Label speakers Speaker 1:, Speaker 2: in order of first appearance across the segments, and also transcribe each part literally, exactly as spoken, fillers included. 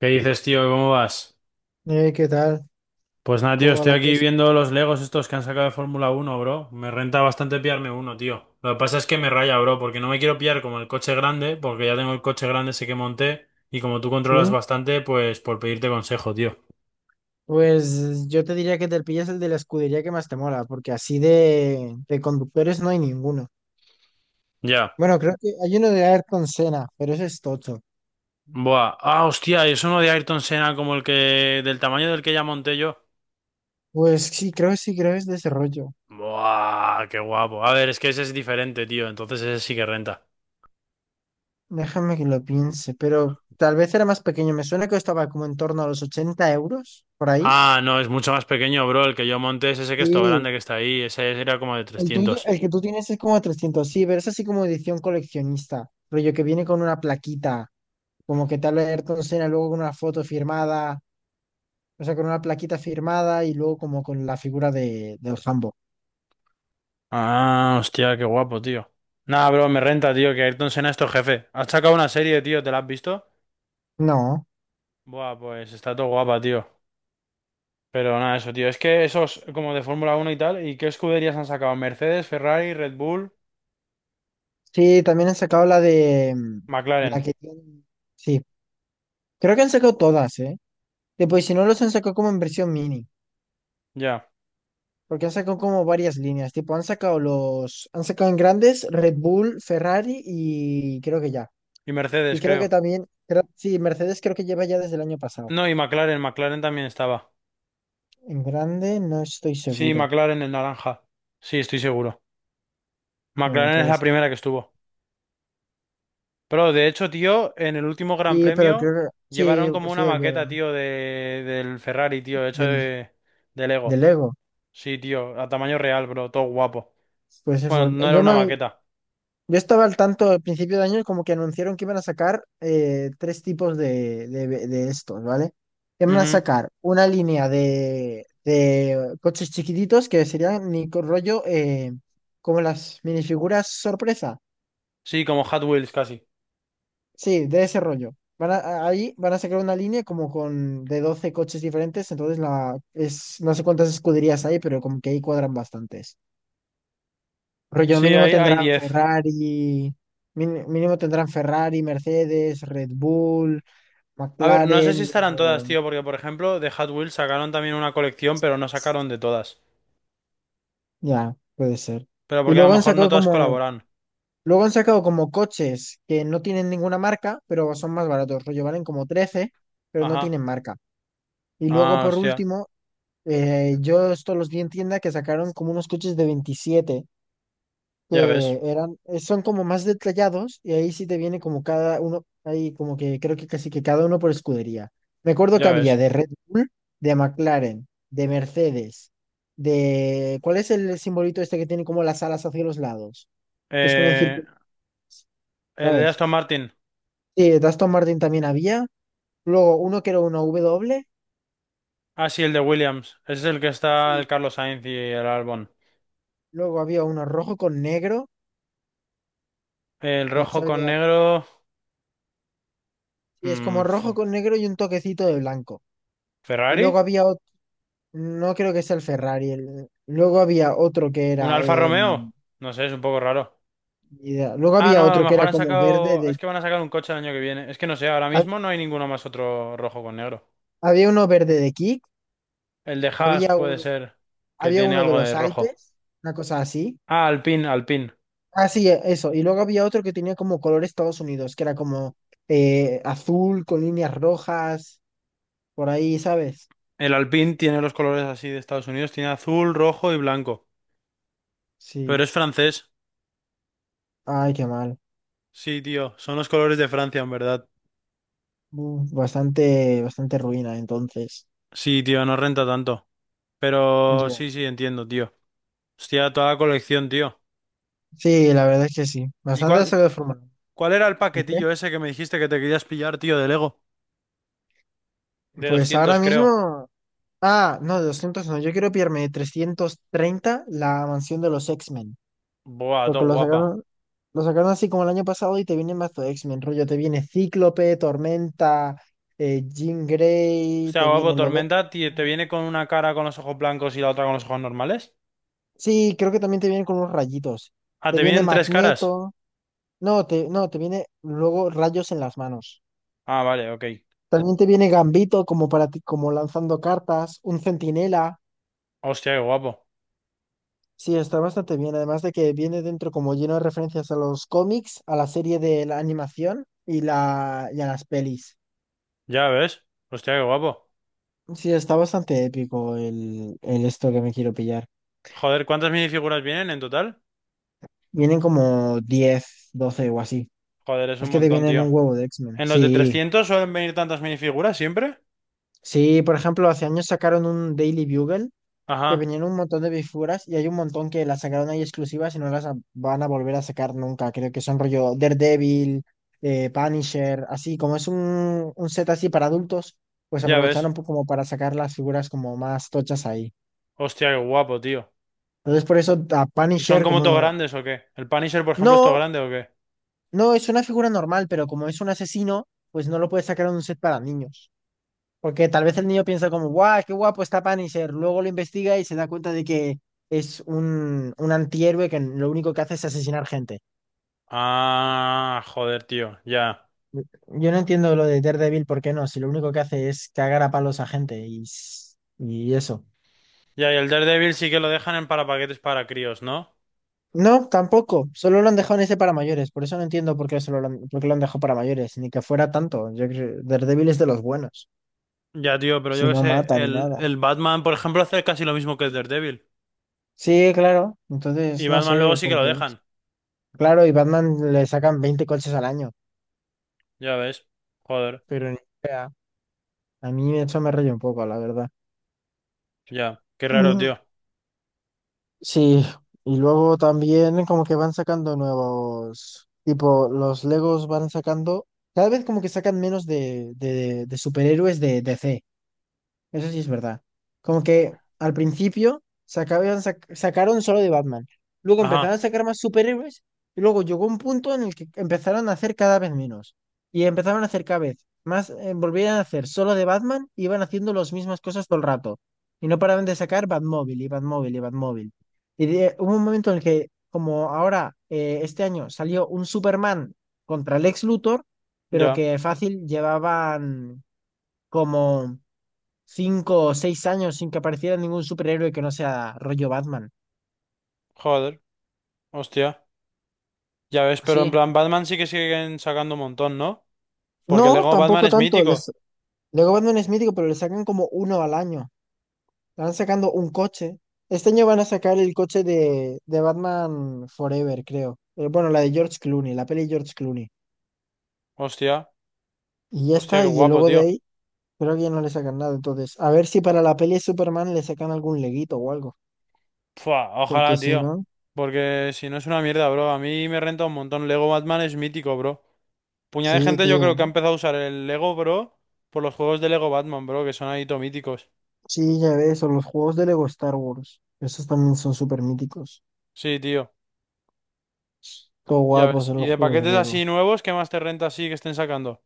Speaker 1: ¿Qué dices, tío? ¿Cómo vas?
Speaker 2: Eh, ¿qué tal?
Speaker 1: Pues nada, tío,
Speaker 2: ¿Cómo va
Speaker 1: estoy
Speaker 2: la
Speaker 1: aquí
Speaker 2: cosa?
Speaker 1: viendo los Legos estos que han sacado de Fórmula Uno, bro. Me renta bastante pillarme uno, tío. Lo que pasa es que me raya, bro, porque no me quiero pillar como el coche grande, porque ya tengo el coche grande ese que monté, y como tú
Speaker 2: ¿Sí?
Speaker 1: controlas bastante, pues por pedirte consejo, tío.
Speaker 2: Pues yo te diría que te pillas el de la escudería que más te mola, porque así de, de conductores no hay ninguno.
Speaker 1: Ya.
Speaker 2: Bueno, creo que hay uno de Ayrton Senna, pero ese es tocho.
Speaker 1: Buah. Ah, hostia, y es uno de Ayrton Senna como el que... del tamaño del que ya monté yo.
Speaker 2: Pues sí, creo que sí, creo que es de ese rollo.
Speaker 1: Buah, qué guapo. A ver, es que ese es diferente, tío, entonces ese sí que renta.
Speaker 2: Déjame que lo piense, pero tal vez era más pequeño. Me suena que estaba como en torno a los ochenta euros, por ahí.
Speaker 1: Ah, no, es mucho más pequeño, bro. El que yo monté es ese que es todo
Speaker 2: Sí,
Speaker 1: grande que está ahí. Ese era como de
Speaker 2: el tuyo,
Speaker 1: trescientos.
Speaker 2: el que tú tienes es como trescientos, sí, pero es así como edición coleccionista, rollo que viene con una plaquita, como que tal vez Ayrton Senna luego con una foto firmada, o sea, con una plaquita firmada y luego como con la figura de, del Hambo.
Speaker 1: Ah, hostia, qué guapo, tío. Nah, bro, me renta, tío, que Ayrton Senna es tu jefe. ¿Has sacado una serie, tío? ¿Te la has visto?
Speaker 2: No.
Speaker 1: Buah, pues está todo guapa, tío. Pero nada, eso, tío. Es que esos como de Fórmula uno y tal. ¿Y qué escuderías han sacado? Mercedes, Ferrari, Red Bull,
Speaker 2: Sí, también han sacado la de mm,
Speaker 1: McLaren.
Speaker 2: la que tiene- Sí, creo que han sacado todas, ¿eh? Tipo, y si no los han sacado como en versión mini,
Speaker 1: Ya.
Speaker 2: porque han sacado como varias líneas, tipo, han sacado los, han sacado en grandes Red Bull, Ferrari y creo que ya.
Speaker 1: Y
Speaker 2: Y
Speaker 1: Mercedes,
Speaker 2: creo que
Speaker 1: creo.
Speaker 2: también, creo- sí, Mercedes creo que lleva ya desde el año pasado.
Speaker 1: No, y McLaren, McLaren también estaba.
Speaker 2: En grande no estoy
Speaker 1: Sí,
Speaker 2: seguro.
Speaker 1: McLaren el naranja. Sí, estoy seguro.
Speaker 2: Bueno,
Speaker 1: McLaren es
Speaker 2: puede
Speaker 1: la
Speaker 2: ser.
Speaker 1: primera que estuvo. Pero de hecho, tío, en el último Gran
Speaker 2: Sí, pero
Speaker 1: Premio
Speaker 2: creo que sí,
Speaker 1: llevaron como
Speaker 2: sí
Speaker 1: una
Speaker 2: es
Speaker 1: maqueta,
Speaker 2: verdad,
Speaker 1: tío, de, del Ferrari, tío, hecho
Speaker 2: del,
Speaker 1: de, de
Speaker 2: del
Speaker 1: Lego.
Speaker 2: Lego.
Speaker 1: Sí, tío, a tamaño real, bro, todo guapo.
Speaker 2: Pues
Speaker 1: Bueno,
Speaker 2: eso,
Speaker 1: no era
Speaker 2: yo,
Speaker 1: una
Speaker 2: me,
Speaker 1: maqueta.
Speaker 2: yo estaba al tanto al principio de año como que anunciaron que iban a sacar eh, tres tipos de, de, de estos, ¿vale? Iban a
Speaker 1: Ujú.
Speaker 2: sacar una línea de, de coches chiquititos que serían ni co- rollo eh, como las minifiguras sorpresa.
Speaker 1: Sí, como Hot Wheels casi.
Speaker 2: Sí, de ese rollo. Van a- ahí van a sacar una línea como con de doce coches diferentes, entonces la, es, no sé cuántas escuderías hay, pero como que ahí cuadran bastantes. Rollo
Speaker 1: Sí,
Speaker 2: mínimo
Speaker 1: hay, hay
Speaker 2: tendrán
Speaker 1: diez.
Speaker 2: Ferrari, mín- mínimo tendrán Ferrari, Mercedes, Red Bull,
Speaker 1: A ver, no sé si
Speaker 2: McLaren,
Speaker 1: estarán todas,
Speaker 2: luego,
Speaker 1: tío, porque por ejemplo, de Hot Wheels sacaron también una colección, pero no sacaron de todas.
Speaker 2: ya, puede ser.
Speaker 1: Pero
Speaker 2: Y
Speaker 1: porque a lo
Speaker 2: luego han
Speaker 1: mejor no
Speaker 2: sacado
Speaker 1: todas
Speaker 2: como,
Speaker 1: colaboran.
Speaker 2: luego han sacado como coches que no tienen ninguna marca, pero son más baratos. Rollo valen como trece, pero no
Speaker 1: Ajá.
Speaker 2: tienen marca. Y luego
Speaker 1: Ah,
Speaker 2: por
Speaker 1: hostia.
Speaker 2: último, eh, yo esto los vi en tienda que sacaron como unos coches de veintisiete
Speaker 1: Ya ves,
Speaker 2: que eran, eh, son como más detallados y ahí sí te viene como cada uno, ahí como que creo que casi que cada uno por escudería. Me acuerdo que
Speaker 1: ya
Speaker 2: había
Speaker 1: ves.
Speaker 2: de Red Bull, de McLaren, de Mercedes, de... ¿Cuál es el simbolito este que tiene como las alas hacia los lados? Que es como un
Speaker 1: Eh,
Speaker 2: círculo,
Speaker 1: el de
Speaker 2: ¿sabes?
Speaker 1: Aston Martin.
Speaker 2: Sí, de Aston Martin también había. Luego uno que era una W.
Speaker 1: Ah, sí, el de Williams. Ese es el que está el
Speaker 2: Sí.
Speaker 1: Carlos Sainz y el Albon.
Speaker 2: Luego había uno rojo con negro,
Speaker 1: El
Speaker 2: que no
Speaker 1: rojo con
Speaker 2: sabría-
Speaker 1: negro.
Speaker 2: Sí, es
Speaker 1: mm,
Speaker 2: como rojo
Speaker 1: F-
Speaker 2: con negro y un toquecito de blanco. Y luego
Speaker 1: ¿Ferrari?
Speaker 2: había otro. No creo que sea el Ferrari. el- Luego había otro que
Speaker 1: ¿Un
Speaker 2: era,
Speaker 1: Alfa
Speaker 2: eh,
Speaker 1: Romeo?
Speaker 2: ni
Speaker 1: No sé, es un poco raro.
Speaker 2: idea. Luego
Speaker 1: Ah,
Speaker 2: había
Speaker 1: no, a lo
Speaker 2: otro que
Speaker 1: mejor
Speaker 2: era
Speaker 1: han
Speaker 2: como verde
Speaker 1: sacado. Es
Speaker 2: de.
Speaker 1: que van a sacar un coche el año que viene. Es que no sé, ahora
Speaker 2: ha-
Speaker 1: mismo no hay ninguno más otro rojo con negro.
Speaker 2: Había uno verde de Kik.
Speaker 1: El de Haas
Speaker 2: Había
Speaker 1: puede
Speaker 2: uno,
Speaker 1: ser que
Speaker 2: había
Speaker 1: tiene
Speaker 2: uno de
Speaker 1: algo de
Speaker 2: los
Speaker 1: rojo.
Speaker 2: Alpes. Una cosa así.
Speaker 1: Ah, Alpine, Alpine.
Speaker 2: Ah, sí, e- eso. Y luego había otro que tenía como color Estados Unidos, que era como eh, azul con líneas rojas. Por ahí, ¿sabes?
Speaker 1: El Alpine tiene los colores así de Estados Unidos: tiene azul, rojo y blanco. Pero
Speaker 2: Sí.
Speaker 1: es francés.
Speaker 2: Ay, qué mal.
Speaker 1: Sí, tío, son los colores de Francia, en verdad.
Speaker 2: Uf, bastante, bastante ruina, entonces.
Speaker 1: Sí, tío, no renta tanto. Pero
Speaker 2: Ya.
Speaker 1: sí, sí, entiendo, tío. Hostia, toda la colección, tío.
Speaker 2: Sí, la verdad es que sí.
Speaker 1: ¿Y
Speaker 2: Bastante
Speaker 1: cuál,
Speaker 2: se ve formado.
Speaker 1: cuál era el
Speaker 2: ¿Y qué?
Speaker 1: paquetillo ese que me dijiste que te querías pillar, tío, de Lego? De
Speaker 2: Pues ahora
Speaker 1: doscientos creo.
Speaker 2: mismo. Ah, no, de doscientos no. Yo quiero pillarme de trescientos treinta la mansión de los X-Men.
Speaker 1: Buah, todo
Speaker 2: Porque lo
Speaker 1: guapa.
Speaker 2: sacaron, lo sacaron así como el año pasado y te vienen más de X-Men. Rollo, te viene Cíclope, Tormenta, eh, Jean Grey,
Speaker 1: Hostia,
Speaker 2: te
Speaker 1: guapo,
Speaker 2: viene Lobo.
Speaker 1: Tormenta, tío, ¿te viene con una cara con los ojos blancos y la otra con los ojos normales?
Speaker 2: Sí, creo que también te vienen con unos rayitos.
Speaker 1: Ah,
Speaker 2: Te
Speaker 1: ¿te
Speaker 2: viene
Speaker 1: vienen tres caras?
Speaker 2: Magneto. No, te, no, te viene luego rayos en las manos.
Speaker 1: Ah, vale, ok.
Speaker 2: También te viene Gambito como para ti, como lanzando cartas, un centinela.
Speaker 1: Hostia, qué guapo.
Speaker 2: Sí, está bastante bien. Además de que viene dentro como lleno de referencias a los cómics, a la serie de la animación y, la, y a las pelis.
Speaker 1: Ya ves. Hostia, qué guapo.
Speaker 2: Sí, está bastante épico el, el esto que me quiero pillar.
Speaker 1: Joder, ¿cuántas minifiguras vienen en total?
Speaker 2: Vienen como diez doce o así.
Speaker 1: Joder, es un
Speaker 2: Es que te
Speaker 1: montón,
Speaker 2: vienen
Speaker 1: tío.
Speaker 2: un huevo de X-Men.
Speaker 1: ¿En los de
Speaker 2: Sí,
Speaker 1: trescientos suelen venir tantas minifiguras siempre?
Speaker 2: sí, por ejemplo, hace años sacaron un Daily Bugle que
Speaker 1: Ajá,
Speaker 2: venían un montón de figuras y hay un montón que las sacaron ahí exclusivas y no las a- van a volver a sacar nunca. Creo que son rollo Daredevil, eh, Punisher, así como es un, un set así para adultos, pues
Speaker 1: ya ves.
Speaker 2: aprovecharon po- como para sacar las figuras como más tochas ahí.
Speaker 1: Hostia, qué guapo, tío.
Speaker 2: Entonces por eso a
Speaker 1: ¿Y son
Speaker 2: Punisher
Speaker 1: como todos
Speaker 2: como...
Speaker 1: grandes o qué? ¿El Punisher, por ejemplo, es todo
Speaker 2: No,
Speaker 1: grande o qué?
Speaker 2: no, es una figura normal, pero como es un asesino, pues no lo puedes sacar en un set para niños. Porque tal vez el niño piensa como, guau, qué guapo está Punisher. Luego lo investiga y se da cuenta de que es un, un antihéroe que lo único que hace es asesinar gente.
Speaker 1: Ah, joder, tío, ya.
Speaker 2: Yo no entiendo lo de Daredevil, ¿por qué no? Si lo único que hace es cagar a palos a gente y, s- y eso.
Speaker 1: Ya, y el Daredevil sí que lo dejan en para paquetes para críos, ¿no?
Speaker 2: No, tampoco. Solo lo han dejado en ese para mayores. Por eso no entiendo por qué, solo lo han, por qué lo han dejado para mayores. Ni que fuera tanto. Yo creo, Daredevil es de los buenos.
Speaker 1: Ya, tío, pero
Speaker 2: Si
Speaker 1: yo qué
Speaker 2: no
Speaker 1: sé,
Speaker 2: mata ni
Speaker 1: el,
Speaker 2: nada.
Speaker 1: el Batman, por ejemplo, hace casi lo mismo que el Daredevil.
Speaker 2: Sí, claro.
Speaker 1: Y
Speaker 2: Entonces, no
Speaker 1: Batman luego
Speaker 2: sé
Speaker 1: sí que
Speaker 2: por
Speaker 1: lo
Speaker 2: qué.
Speaker 1: dejan,
Speaker 2: Claro, y Batman le sacan veinte coches al año.
Speaker 1: ya ves. Joder,
Speaker 2: Pero ni idea. A mí eso me raya un poco, la verdad.
Speaker 1: ya. Qué raro,
Speaker 2: Mm,
Speaker 1: tío.
Speaker 2: Sí, y luego también como que van sacando nuevos, tipo, los Legos van sacando, cada vez como que sacan menos de, de, de superhéroes de D C. Eso sí es verdad. Como que al principio sacaban- sac- sacaron solo de Batman. Luego empezaron a
Speaker 1: Ajá,
Speaker 2: sacar más superhéroes. Y luego llegó un punto en el que empezaron a hacer cada vez menos. Y empezaron a hacer cada vez más, eh, volvían a hacer solo de Batman, y iban haciendo las mismas cosas todo el rato. Y no paraban de sacar Batmóvil y Batmóvil y Batmóvil. Y de- hubo un momento en el que, como ahora, eh, este año salió un Superman contra Lex Luthor. Pero
Speaker 1: ya.
Speaker 2: que fácil llevaban como cinco o seis años sin que apareciera ningún superhéroe que no sea rollo Batman.
Speaker 1: Joder, hostia. Ya ves, pero en
Speaker 2: Sí.
Speaker 1: plan Batman sí que siguen sacando un montón, ¿no? Porque el
Speaker 2: No,
Speaker 1: Lego Batman
Speaker 2: tampoco
Speaker 1: es
Speaker 2: tanto. Les...
Speaker 1: mítico.
Speaker 2: Luego Batman es mítico, pero le sacan como uno al año. Van sacando un coche. Este año van a sacar el coche de, de Batman Forever, creo. Eh, Bueno, la de George Clooney, la peli de George Clooney.
Speaker 1: Hostia,
Speaker 2: Y ya
Speaker 1: hostia, qué
Speaker 2: está, y
Speaker 1: guapo,
Speaker 2: luego de
Speaker 1: tío.
Speaker 2: ahí creo que ya no le sacan nada. Entonces, a ver si para la peli de Superman le sacan algún leguito o algo.
Speaker 1: Fua,
Speaker 2: Porque
Speaker 1: ojalá,
Speaker 2: si
Speaker 1: tío.
Speaker 2: no,
Speaker 1: Porque si no es una mierda, bro. A mí me renta un montón. Lego Batman es mítico, bro. Puñada de
Speaker 2: sí,
Speaker 1: gente yo creo que ha
Speaker 2: tío.
Speaker 1: empezado a usar el Lego, bro, por los juegos de Lego Batman, bro, que son ahí todo míticos.
Speaker 2: Sí, ya ves, o los juegos de Lego Star Wars. Esos también son súper míticos.
Speaker 1: Sí, tío.
Speaker 2: Todo
Speaker 1: Ya
Speaker 2: guapos
Speaker 1: ves.
Speaker 2: en
Speaker 1: ¿Y
Speaker 2: los
Speaker 1: de
Speaker 2: juegos de
Speaker 1: paquetes
Speaker 2: Lego.
Speaker 1: así nuevos, qué más te renta así que estén sacando?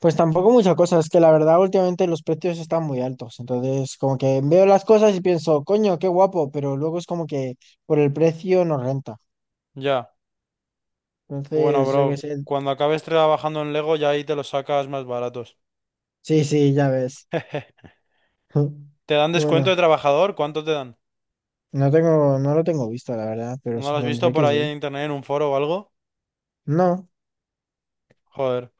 Speaker 2: Pues tampoco muchas cosas, es que la verdad últimamente los precios están muy altos. Entonces, como que veo las cosas y pienso, coño, qué guapo, pero luego es como que por el precio no renta.
Speaker 1: Ya. Bueno,
Speaker 2: Entonces, yo qué
Speaker 1: bro.
Speaker 2: sé.
Speaker 1: Cuando acabes trabajando en Lego, ya ahí te los sacas más baratos.
Speaker 2: Sí, sí, ya ves.
Speaker 1: ¿Te dan descuento
Speaker 2: Bueno,
Speaker 1: de trabajador? ¿Cuánto te dan?
Speaker 2: no tengo, no lo tengo visto, la verdad, pero
Speaker 1: ¿No lo has visto
Speaker 2: supondré
Speaker 1: por
Speaker 2: que
Speaker 1: ahí
Speaker 2: sí.
Speaker 1: en internet en un foro o algo?
Speaker 2: No.
Speaker 1: Joder.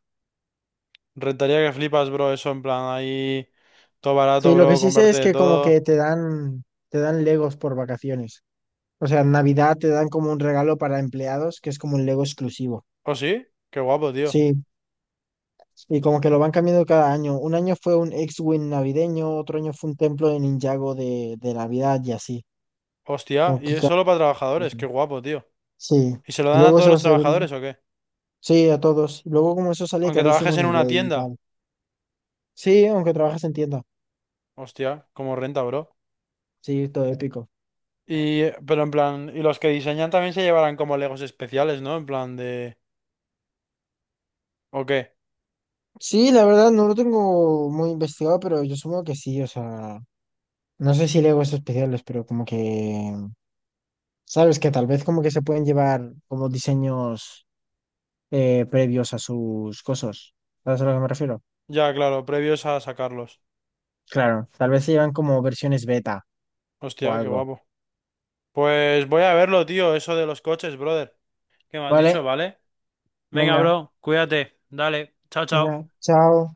Speaker 1: Rentaría que flipas, bro, eso en plan ahí todo barato,
Speaker 2: Sí, lo que
Speaker 1: bro,
Speaker 2: sí sé
Speaker 1: comprarte
Speaker 2: es
Speaker 1: de
Speaker 2: que como que
Speaker 1: todo.
Speaker 2: te dan, te dan Legos por vacaciones. O sea, en Navidad te dan como un regalo para empleados, que es como un Lego exclusivo.
Speaker 1: ¿Oh, sí? Qué guapo, tío.
Speaker 2: Sí, y como que lo van cambiando cada año. Un año fue un X-Wing navideño, otro año fue un templo de Ninjago de, de Navidad y así.
Speaker 1: Hostia,
Speaker 2: Como
Speaker 1: y
Speaker 2: que
Speaker 1: es
Speaker 2: ca-
Speaker 1: solo para trabajadores,
Speaker 2: Sí.
Speaker 1: qué guapo, tío.
Speaker 2: Sí,
Speaker 1: ¿Y se lo
Speaker 2: y
Speaker 1: dan a
Speaker 2: luego
Speaker 1: todos
Speaker 2: eso
Speaker 1: los
Speaker 2: se ven.
Speaker 1: trabajadores o qué?
Speaker 2: Sí, a todos. Y luego como eso sale
Speaker 1: Aunque
Speaker 2: carísimo
Speaker 1: trabajes
Speaker 2: en
Speaker 1: en una
Speaker 2: eBay y
Speaker 1: tienda.
Speaker 2: tal. Sí, aunque trabajas en tienda.
Speaker 1: Hostia, como renta, bro.
Speaker 2: Sí, todo épico.
Speaker 1: Y, eh, pero en plan, y los que diseñan también se llevarán como Legos especiales, ¿no? En plan de... ¿O qué?
Speaker 2: Sí, la verdad no lo tengo muy investigado, pero yo supongo que sí. O sea, no sé si Lego es especiales, pero como que. Sabes que tal vez como que se pueden llevar como diseños eh, previos a sus cosas. ¿Sabes a lo que me refiero?
Speaker 1: Ya, claro, previos a sacarlos.
Speaker 2: Claro, tal vez se llevan como versiones beta o
Speaker 1: Hostia, qué
Speaker 2: algo.
Speaker 1: guapo. Pues voy a verlo, tío, eso de los coches, brother. ¿Qué me has dicho,
Speaker 2: Vale,
Speaker 1: vale? Venga,
Speaker 2: venga,
Speaker 1: bro, cuídate. Dale, chao, chao.
Speaker 2: venga, chao.